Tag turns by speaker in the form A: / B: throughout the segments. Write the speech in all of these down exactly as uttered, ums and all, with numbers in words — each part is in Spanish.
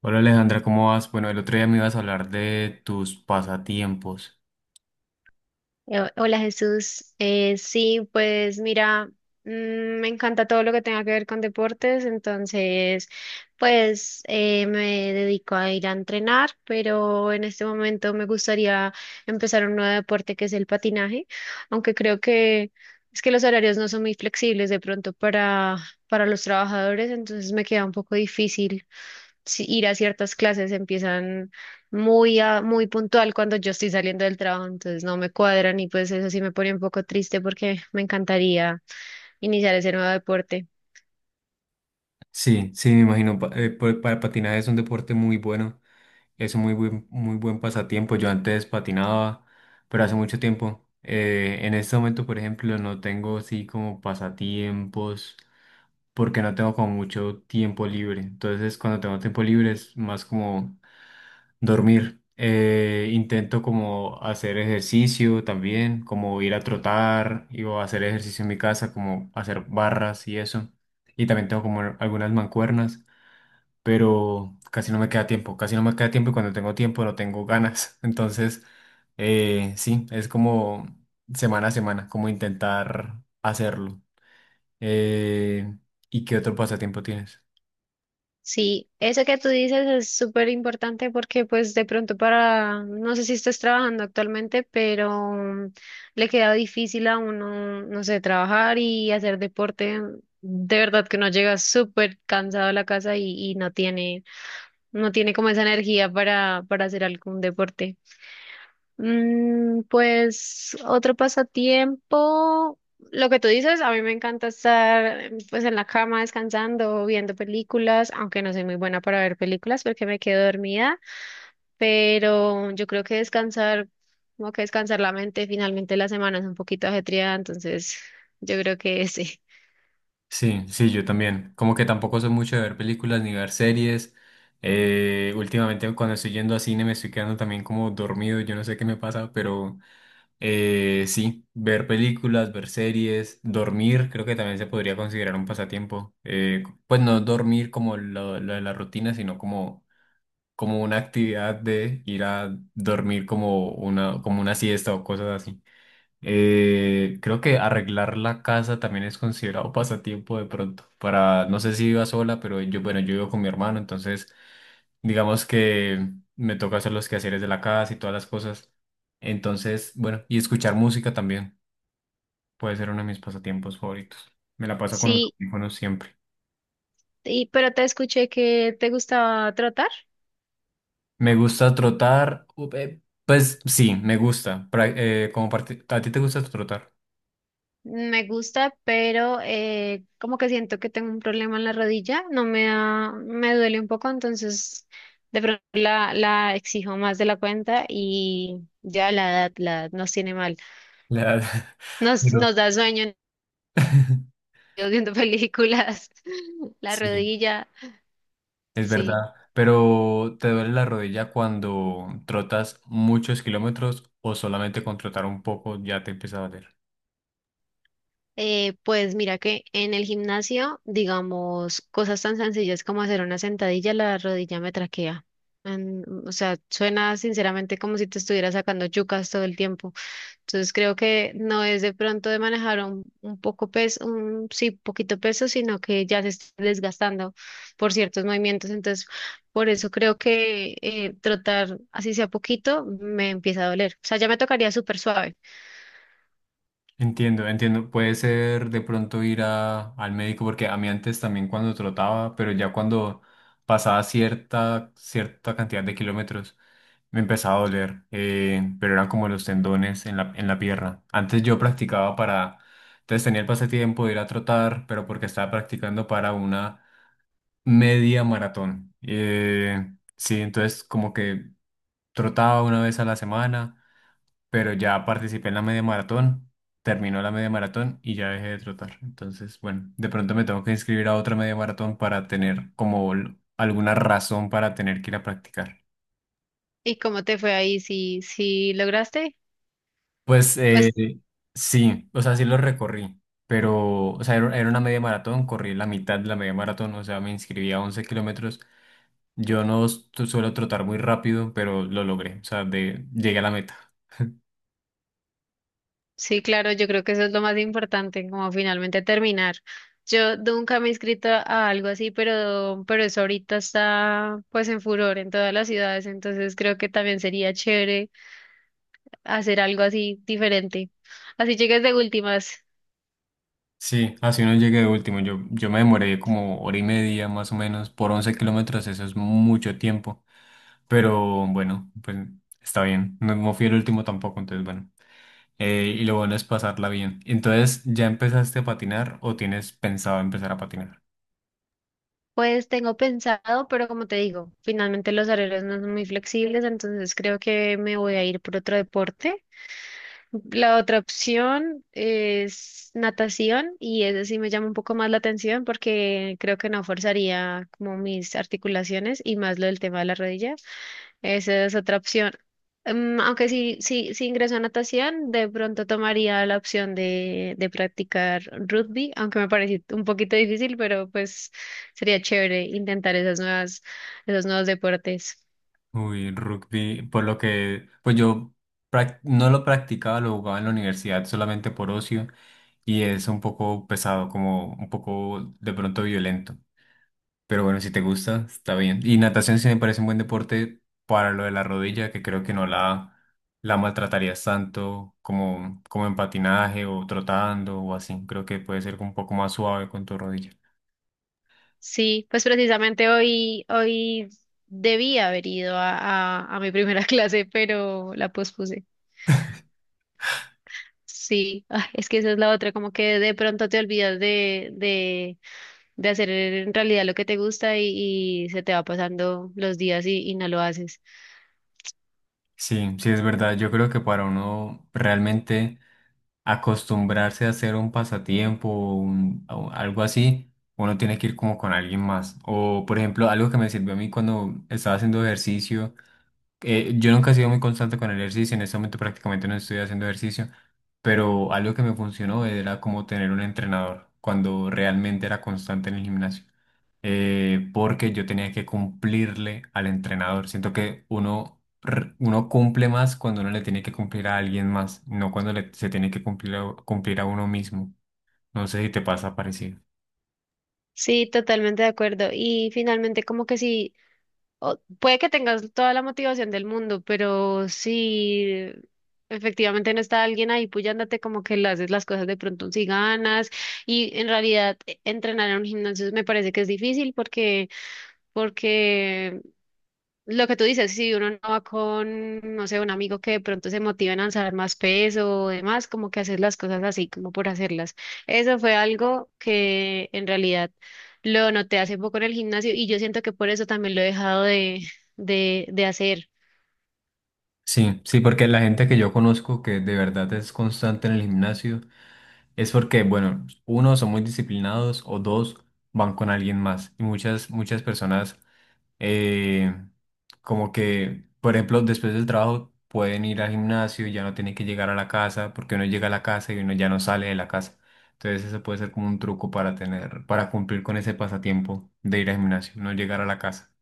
A: Hola Alejandra, ¿cómo vas? Bueno, el otro día me ibas a hablar de tus pasatiempos.
B: Eh, Hola Jesús, Eh, sí, pues mira, mm, me encanta todo lo que tenga que ver con deportes, entonces pues eh, me dedico a ir a entrenar, pero en este momento me gustaría empezar un nuevo deporte que es el patinaje, aunque creo que es que los horarios no son muy flexibles de pronto para, para los trabajadores, entonces me queda un poco difícil si- ir a ciertas clases, empiezan muy, a- muy puntual cuando yo estoy saliendo del trabajo, entonces no me cuadran y pues eso sí me pone un poco triste porque me encantaría iniciar ese nuevo deporte.
A: Sí, sí, me imagino. Pa- eh, pa- pa- patinar es un deporte muy bueno, es un muy buen, muy buen pasatiempo. Yo antes patinaba, pero hace mucho tiempo. Eh, en este momento, por ejemplo, no tengo así como pasatiempos porque no tengo como mucho tiempo libre. Entonces, cuando tengo tiempo libre es más como dormir. Eh, intento como hacer ejercicio también, como ir a trotar y, o hacer ejercicio en mi casa, como hacer barras y eso. Y también tengo como algunas mancuernas, pero casi no me queda tiempo, casi no me queda tiempo y cuando tengo tiempo no tengo ganas. Entonces, eh, sí, es como semana a semana, como intentar hacerlo. Eh, ¿y qué otro pasatiempo tienes?
B: Sí, eso que tú dices es súper importante porque pues de pronto para, no sé si estás trabajando actualmente, pero mm, le queda difícil a uno, no sé, trabajar y hacer deporte. De verdad que uno llega súper cansado a la casa y, y no tiene, no tiene como esa energía para, para hacer algún deporte. Mm, pues otro pasatiempo, lo que tú dices, a mí me encanta estar eh, pues en la cama descansando, viendo películas, aunque no soy muy buena para ver películas porque me quedo dormida, pero yo creo que descansar, como que descansar la mente, finalmente la semana es un poquito ajetreada, entonces yo creo que sí.
A: Sí, sí, yo también. Como que tampoco soy mucho de ver películas ni ver series. Eh, últimamente cuando estoy yendo a cine me estoy quedando también como dormido, yo no sé qué me pasa, pero eh, sí, ver películas, ver series, dormir, creo que también se podría considerar un pasatiempo. Eh, pues no dormir como lo, lo de la rutina, sino como, como una actividad de ir a dormir como una, como una siesta o cosas así. Eh, creo que arreglar la casa también es considerado pasatiempo de pronto. Para, no sé si viva sola, pero yo, bueno, yo vivo con mi hermano, entonces digamos que me toca hacer los quehaceres de la casa y todas las cosas. Entonces, bueno, y escuchar música también puede ser uno de mis pasatiempos favoritos. Me la paso con los
B: Sí,
A: audífonos siempre.
B: y, pero te escuché que te gustaba trotar.
A: Me gusta trotar, u- eh, pues sí, me gusta. Pra- eh, como parte- ¿a ti te gusta trotar?
B: Me gusta, pero eh, como que siento que tengo un problema en la rodilla, no me da, me duele un poco, entonces de pronto la, la exijo más de la cuenta y ya la edad, la edad nos tiene mal.
A: La-
B: Nos,
A: Pero-
B: nos da sueño viendo películas, la
A: Sí.
B: rodilla,
A: Es
B: sí.
A: verdad, pero ¿te duele la rodilla cuando trotas muchos kilómetros o solamente con trotar un poco ya te empieza a doler?
B: Eh, pues mira que en el gimnasio, digamos, cosas tan sencillas como hacer una sentadilla, la rodilla me traquea. En- o sea, suena sinceramente como si te estuviera sacando yucas todo el tiempo. Entonces creo que no es de pronto de manejar un, un poco peso, un sí, poquito peso, sino que ya se está desgastando por ciertos movimientos. Entonces, por eso creo que eh, trotar así sea poquito me empieza a doler. O sea, ya me tocaría súper suave.
A: Entiendo, entiendo. Puede ser de pronto ir a, al médico porque a mí antes también cuando trotaba, pero ya cuando pasaba cierta, cierta cantidad de kilómetros me empezaba a doler, eh, pero eran como los tendones en la, en la pierna. Antes yo practicaba para, entonces tenía el pasatiempo de ir a trotar, pero porque estaba practicando para una media maratón. Eh, sí, entonces como que trotaba una vez a la semana, pero ya participé en la media maratón, terminó la media maratón y ya dejé de trotar. Entonces, bueno, de pronto me tengo que inscribir a otra media maratón para tener como l- alguna razón para tener que ir a practicar.
B: ¿Y cómo te fue ahí? Si, si lograste,
A: Pues eh,
B: pues
A: sí, o sea, sí lo recorrí. Pero, o sea, era era una media maratón, corrí la mitad de la media maratón, o sea, me inscribí a once kilómetros. Yo no su- suelo trotar muy rápido, pero lo logré. O sea, de, llegué a la meta.
B: sí, claro, yo creo que eso es lo más importante, como finalmente terminar. Yo nunca me he inscrito a algo así, pero, pero eso ahorita está pues en furor en todas las ciudades, entonces creo que también sería chévere hacer algo así diferente. Así llegues de últimas.
A: Sí, así no llegué de último. Yo, yo me demoré como hora y media más o menos por once kilómetros. Eso es mucho tiempo. Pero bueno, pues está bien. No, no fui el último tampoco, entonces bueno. Eh, y lo bueno es pasarla bien. Entonces, ¿ya empezaste a patinar o tienes pensado empezar a patinar?
B: Pues tengo pensado, pero como te digo, finalmente los horarios no son muy flexibles, entonces creo que me voy a ir por otro deporte. La otra opción es natación y esa sí me llama un poco más la atención porque creo que no forzaría como mis articulaciones y más lo del tema de la rodilla. Esa es otra opción. Em, aunque sí, sí, si ingreso a natación, de pronto tomaría la opción de, de practicar rugby, aunque me parece un poquito difícil, pero pues sería chévere intentar esas nuevas, esos nuevos deportes.
A: Uy, rugby, por lo que, pues yo prac- no lo practicaba, lo jugaba en la universidad solamente por ocio y es un poco pesado, como un poco de pronto violento. Pero bueno, si te gusta, está bien. Y natación sí me parece un buen deporte para lo de la rodilla, que creo que no la, la maltratarías tanto como, como en patinaje o trotando o así. Creo que puede ser un poco más suave con tu rodilla.
B: Sí, pues precisamente hoy, hoy debía haber ido a, a, a mi primera clase, pero la pospuse. Sí, ah, es que esa es la otra, como que de pronto te olvidas de, de, de hacer en realidad lo que te gusta y, y se te va pasando los días y, y no lo haces.
A: Sí, sí es verdad. Yo creo que para uno realmente acostumbrarse a hacer un pasatiempo o un- o algo así, uno tiene que ir como con alguien más. O, por ejemplo, algo que me sirvió a mí cuando estaba haciendo ejercicio eh, yo nunca he sido muy constante con el ejercicio, en este momento prácticamente no estoy haciendo ejercicio, pero algo que me funcionó era como tener un entrenador cuando realmente era constante en el gimnasio, eh, porque yo tenía que cumplirle al entrenador. Siento que uno, r- uno cumple más cuando uno le tiene que cumplir a alguien más, no cuando le- se tiene que cumplir a, cumplir a uno mismo. No sé si te pasa parecido.
B: Sí, totalmente de acuerdo. Y finalmente, como que sí. O- puede que tengas toda la motivación del mundo, pero si efectivamente no está alguien ahí puyándote, como que le haces las cosas de pronto si ganas. Y en realidad, e- entrenar en un gimnasio me parece que es difícil porque, porque lo que tú dices, si uno no va con, no sé, un amigo que de pronto se motiva a lanzar más peso o demás, como que hacer las cosas así, como por hacerlas. Eso fue algo que en realidad lo noté hace poco en el gimnasio y yo siento que por eso también lo he dejado de, de, de hacer.
A: Sí, sí, porque la gente que yo conozco que de verdad es constante en el gimnasio, es porque, bueno, uno, son muy disciplinados o dos, van con alguien más. Y muchas, muchas personas, eh, como que, por ejemplo, después del trabajo pueden ir al gimnasio, ya no tienen que llegar a la casa, porque uno llega a la casa y uno ya no sale de la casa. Entonces eso puede ser como un truco para tener, para cumplir con ese pasatiempo de ir al gimnasio, no llegar a la casa.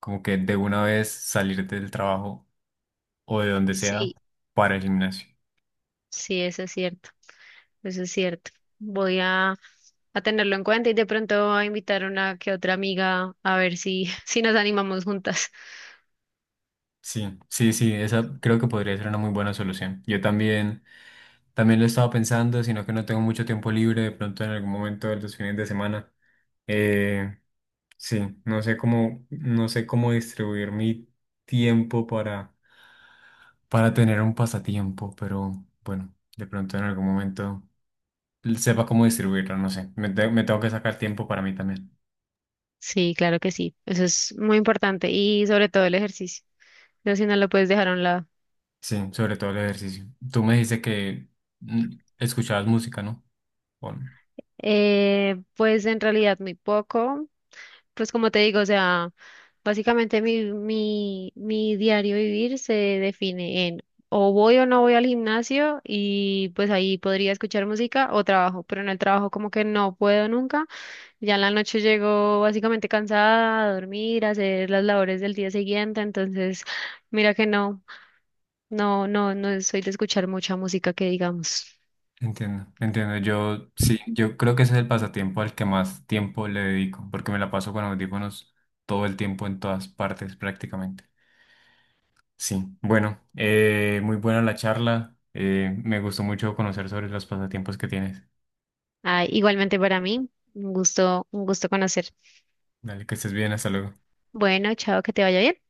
A: Como que de una vez salir del trabajo o de donde sea
B: Sí,
A: para el gimnasio.
B: sí, eso es cierto, eso es cierto. Voy a, a tenerlo en cuenta y de pronto a invitar a una que otra amiga a ver si, si nos animamos juntas.
A: Sí, sí, sí, esa creo que podría ser una muy buena solución. Yo también, también lo estaba pensando, sino que no tengo mucho tiempo libre de pronto en algún momento de los fines de semana. Eh, sí, no sé cómo, no sé cómo distribuir mi tiempo para, para tener un pasatiempo, pero bueno, de pronto en algún momento sepa cómo distribuirlo, no sé. Me, te- me tengo que sacar tiempo para mí también.
B: Sí, claro que sí, eso es muy importante y sobre todo el ejercicio. No, si no lo puedes dejar a un lado.
A: Sí, sobre todo el ejercicio. Tú me dijiste que mm, escuchabas música, ¿no? ¿O no?
B: Eh, pues en realidad muy poco. Pues como te digo, o sea, básicamente mi, mi, mi diario vivir se define en o voy o no voy al gimnasio y pues ahí podría escuchar música o trabajo, pero en el trabajo como que no puedo nunca. Ya en la noche llego básicamente cansada a dormir, a hacer las labores del día siguiente, entonces mira que no, no, no, no soy de escuchar mucha música que digamos.
A: Entiendo, entiendo. Yo sí, yo creo que ese es el pasatiempo al que más tiempo le dedico, porque me la paso con audífonos todo el tiempo en todas partes prácticamente. Sí, bueno, eh, muy buena la charla. Eh, me gustó mucho conocer sobre los pasatiempos que tienes.
B: Ah, igualmente para mí, un gusto, un gusto conocer.
A: Dale, que estés bien, hasta luego.
B: Bueno, chao, que te vaya bien.